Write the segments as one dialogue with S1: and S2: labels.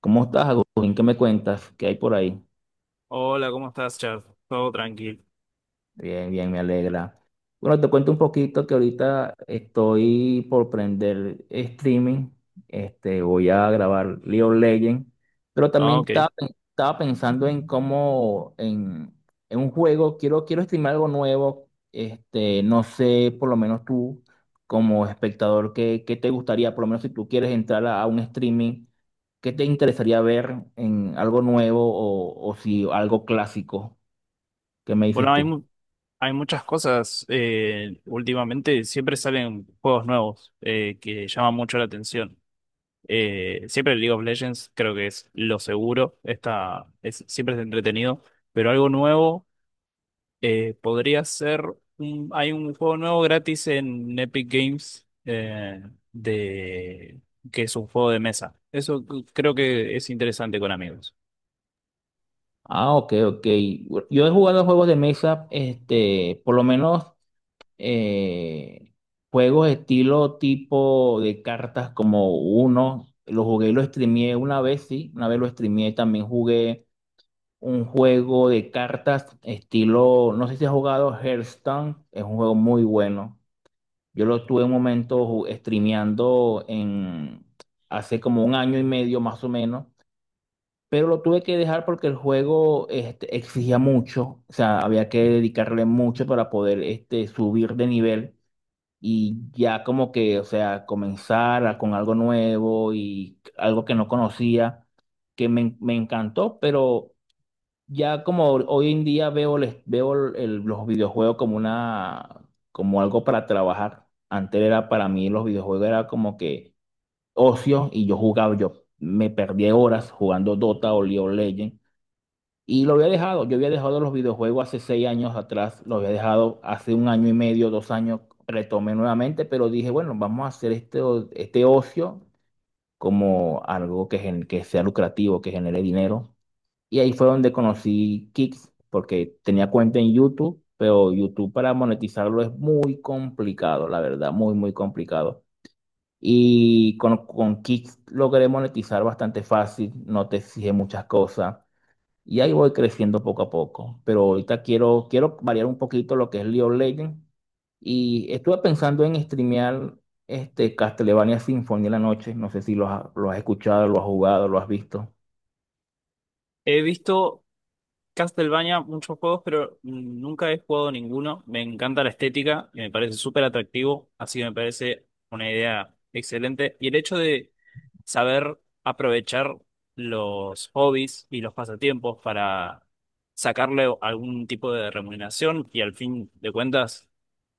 S1: ¿Cómo estás, Agustín? ¿Qué me cuentas? ¿Qué hay por ahí?
S2: Hola, ¿cómo estás, Chad? Todo tranquilo.
S1: Bien, bien, me alegra. Bueno, te cuento un poquito que ahorita estoy por prender streaming. Voy a grabar League of Legends, pero
S2: Ah,
S1: también
S2: ok.
S1: estaba pensando en en un juego, quiero streamar algo nuevo. No sé, por lo menos tú, como espectador, ¿ qué te gustaría? Por lo menos si tú quieres entrar a un streaming, ¿qué te interesaría ver en algo nuevo o si algo clásico? ¿Qué me dices
S2: Bueno,
S1: tú?
S2: hay muchas cosas. Últimamente siempre salen juegos nuevos que llaman mucho la atención. Siempre League of Legends creo que es lo seguro. Siempre es entretenido. Pero algo nuevo podría ser... hay un juego nuevo gratis en Epic Games, de, que es un juego de mesa. Eso creo que es interesante con amigos.
S1: Ah, ok, ok. Yo he jugado juegos de mesa, este, por lo menos eh, juegos estilo tipo de cartas como uno. Lo jugué y lo streameé una vez, sí, una vez lo streameé. También jugué un juego de cartas estilo, no sé si has jugado Hearthstone, es un juego muy bueno. Yo lo tuve un momento streameando en hace como un año y medio más o menos, pero lo tuve que dejar porque el juego este exigía mucho. O sea, había que dedicarle mucho para poder, este, subir de nivel y ya como que, o sea, con algo nuevo y algo que no conocía, que me encantó, pero ya, como hoy en día veo, les veo los videojuegos como una, como algo para trabajar. Antes era para mí, los videojuegos era como que ocio y yo jugaba, yo me perdía horas jugando Dota o League of Legends, y lo había dejado. Yo había dejado los videojuegos hace seis años atrás, lo había dejado hace un año y medio, dos años, retomé nuevamente, pero dije, bueno, vamos a hacer este, este ocio como algo que, que sea lucrativo, que genere dinero. Y ahí fue donde conocí Kicks, porque tenía cuenta en YouTube, pero YouTube para monetizarlo es muy complicado, la verdad, muy, muy complicado. Y con Kicks logré monetizar bastante fácil, no te exige muchas cosas. Y ahí voy creciendo poco a poco. Pero ahorita quiero variar un poquito lo que es League of Legends. Y estuve pensando en streamear este Castlevania Symphony en la noche. No sé si lo has, lo has escuchado, lo has jugado, lo has visto.
S2: He visto Castlevania, muchos juegos, pero nunca he jugado ninguno. Me encanta la estética y me parece súper atractivo, así que me parece una idea excelente. Y el hecho de saber aprovechar los hobbies y los pasatiempos para sacarle algún tipo de remuneración y al fin de cuentas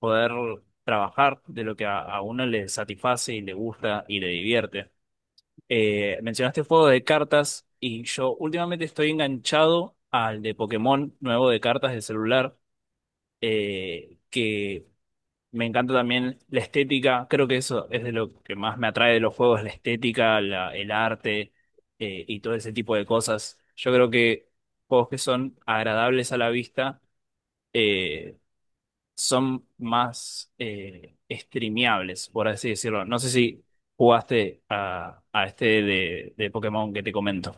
S2: poder trabajar de lo que a uno le satisface y le gusta y le divierte. Mencionaste juego de cartas y yo últimamente estoy enganchado al de Pokémon nuevo de cartas de celular, que me encanta también la estética. Creo que eso es de lo que más me atrae de los juegos, la estética, el arte y todo ese tipo de cosas. Yo creo que juegos que son agradables a la vista eh, son más, streameables, por así decirlo. No sé si jugaste a este de Pokémon que te comento.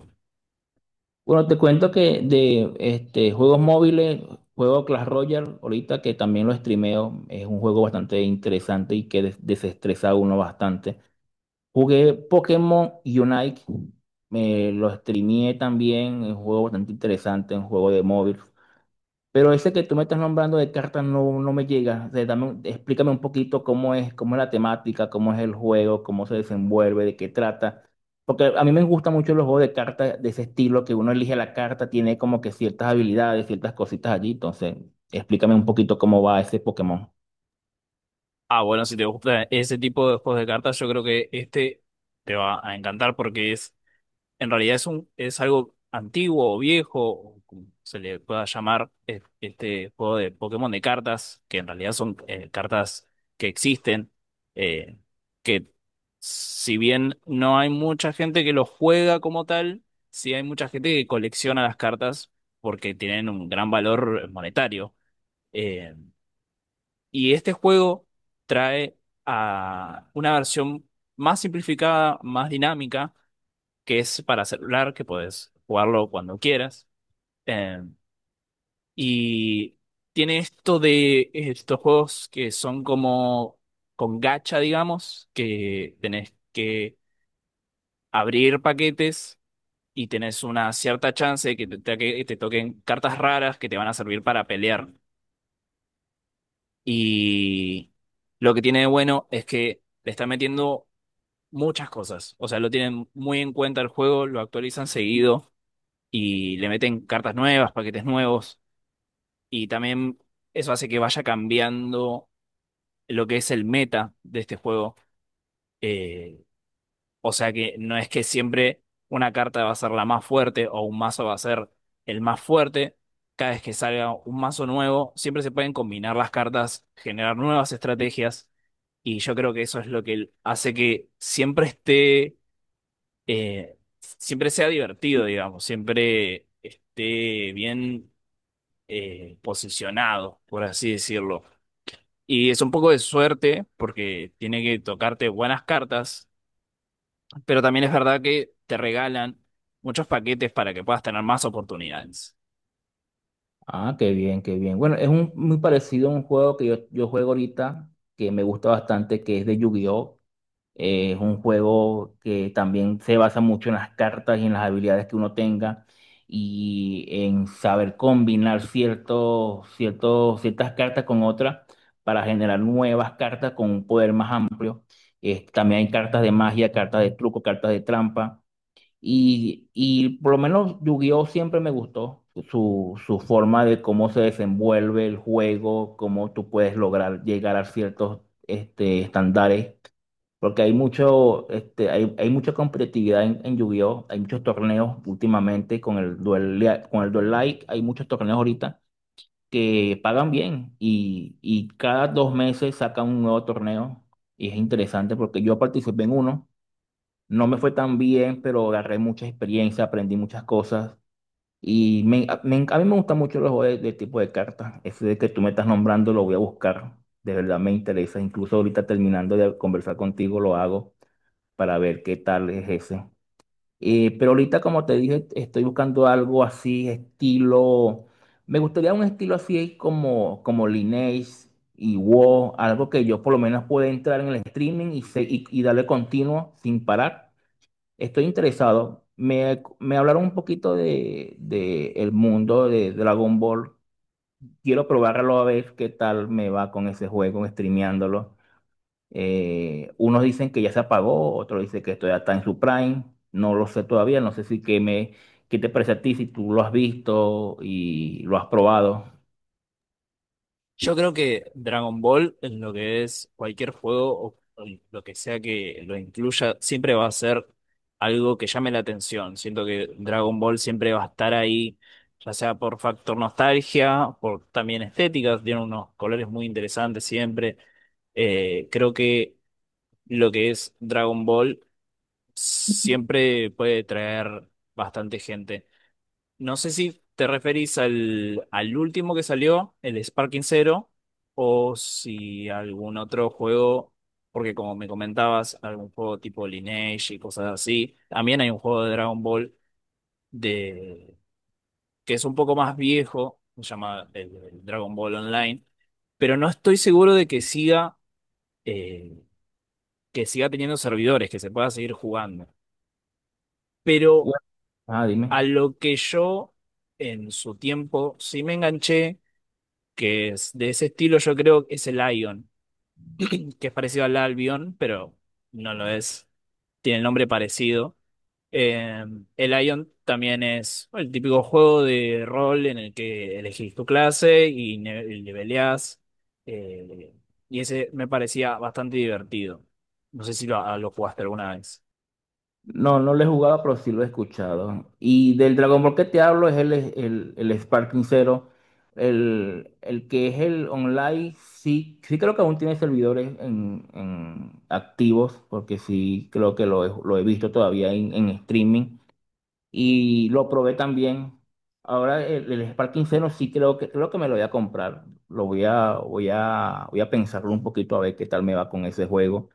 S1: Bueno, te cuento que de este, juegos móviles, juego Clash Royale, ahorita que también lo streameo, es un juego bastante interesante y que desestresa a uno bastante. Jugué Pokémon Unite, me lo streameé también, es un juego bastante interesante, un juego de móvil. Pero ese que tú me estás nombrando de cartas no, no me llega. O sea, explícame un poquito cómo es la temática, cómo es el juego, cómo se desenvuelve, de qué trata. Porque a mí me gustan mucho los juegos de cartas de ese estilo, que uno elige la carta, tiene como que ciertas habilidades, ciertas cositas allí. Entonces, explícame un poquito cómo va ese Pokémon.
S2: Ah, bueno, si te gusta ese tipo de juegos de cartas, yo creo que este te va a encantar porque es en realidad es algo antiguo o viejo, o como se le pueda llamar, este juego de Pokémon de cartas, que en realidad son, cartas que existen, eh, que si bien no hay mucha gente que los juega como tal, sí hay mucha gente que colecciona las cartas porque tienen un gran valor, monetario. Eh, y este juego trae a una versión más simplificada, más dinámica, que es para celular, que puedes jugarlo cuando quieras. Eh, y tiene esto de estos juegos que son como con gacha, digamos, que tenés que abrir paquetes y tenés una cierta chance de que te toquen cartas raras que te van a servir para pelear. Y lo que tiene de bueno es que le está metiendo muchas cosas. O sea, lo tienen muy en cuenta el juego, lo actualizan seguido y le meten cartas nuevas, paquetes nuevos, y también eso hace que vaya cambiando lo que es el meta de este juego. Eh, o sea que no es que siempre una carta va a ser la más fuerte o un mazo va a ser el más fuerte. Cada vez que salga un mazo nuevo, siempre se pueden combinar las cartas, generar nuevas estrategias, y yo creo que eso es lo que hace que siempre sea divertido, digamos, siempre esté bien posicionado, por así decirlo. Y es un poco de suerte porque tiene que tocarte buenas cartas, pero también es verdad que te regalan muchos paquetes para que puedas tener más oportunidades.
S1: Ah, qué bien, qué bien. Bueno, es un, muy parecido a un juego que yo juego ahorita, que me gusta bastante, que es de Yu-Gi-Oh! Es un juego que también se basa mucho en las cartas y en las habilidades que uno tenga y en saber combinar ciertas cartas con otras para generar nuevas cartas con un poder más amplio. También hay cartas de magia, cartas de truco, cartas de trampa. Y por lo menos Yu-Gi-Oh! Siempre me gustó su forma de cómo se desenvuelve el juego, cómo tú puedes lograr llegar a ciertos, este, estándares, porque hay mucho, este, hay mucha competitividad en Yu-Gi-Oh! Hay muchos torneos últimamente con el con el Duel Like, hay muchos torneos ahorita que pagan bien y cada dos meses sacan un nuevo torneo y es interesante porque yo participé en uno, no me fue tan bien, pero agarré mucha experiencia, aprendí muchas cosas a mí me gustan mucho los juegos de tipo de cartas. Ese de que tú me estás nombrando lo voy a buscar, de verdad me interesa, incluso ahorita terminando de conversar contigo lo hago para ver qué tal es ese. Pero ahorita, como te dije, estoy buscando algo así, estilo. Me gustaría un estilo así como Lineage y WoW, algo que yo por lo menos pueda entrar en el streaming y darle continuo sin parar. Estoy interesado. Me hablaron un poquito de el mundo de Dragon Ball. Quiero probarlo a ver qué tal me va con ese juego, streameándolo. Unos dicen que ya se apagó, otros dicen que esto ya está en su prime. No lo sé todavía, no sé si que me, qué te parece a ti, si tú lo has visto y lo has probado.
S2: Yo creo que Dragon Ball, en lo que es cualquier juego o lo que sea que lo incluya, siempre va a ser algo que llame la atención. Siento que Dragon Ball siempre va a estar ahí, ya sea por factor nostalgia, por también estética, tiene unos colores muy interesantes siempre. Creo que lo que es Dragon Ball siempre puede traer bastante gente. No sé si te referís al último que salió, el Sparking Zero, o si algún otro juego, porque como me comentabas, algún juego tipo Lineage y cosas así. También hay un juego de Dragon Ball de, que es un poco más viejo, se llama el Dragon Ball Online, pero no estoy seguro de que siga. eh, que siga teniendo servidores, que se pueda seguir jugando. Pero
S1: Bueno, ah, dime.
S2: a lo que yo en su tiempo sí me enganché, que es de ese estilo, yo creo que es el Ion, que es parecido al Albion, pero no lo es, tiene el nombre parecido. Eh, el Ion también es el típico juego de rol en el que elegís tu clase y leveleás. eh, y ese me parecía bastante divertido. No sé si lo jugaste alguna vez.
S1: No, no lo he jugado, pero sí lo he escuchado. Y del Dragon Ball que te hablo es el Sparking Zero. El que es el online, sí, sí creo que aún tiene servidores en activos, porque sí creo que lo he visto todavía en streaming. Y lo probé también. Ahora el Spark 0 sí creo que me lo voy a comprar. Lo voy a pensarlo un poquito a ver qué tal me va con ese juego.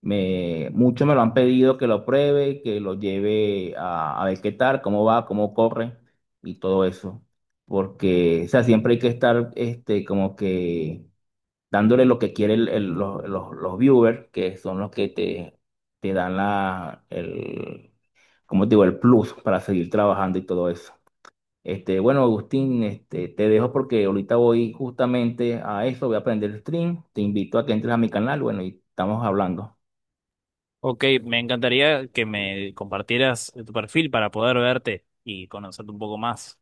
S1: Me muchos me lo han pedido que lo pruebe, que lo lleve a ver qué tal, cómo va, cómo corre y todo eso. Porque, o sea, siempre hay que estar este como que dándole lo que quiere los, los viewers, que son los que te dan el, ¿cómo te digo? El plus para seguir trabajando y todo eso. Este, bueno, Agustín, este, te dejo porque ahorita voy justamente a eso, voy a aprender stream, te invito a que entres a mi canal, bueno, y estamos hablando.
S2: Ok, me encantaría que me compartieras tu perfil para poder verte y conocerte un poco más.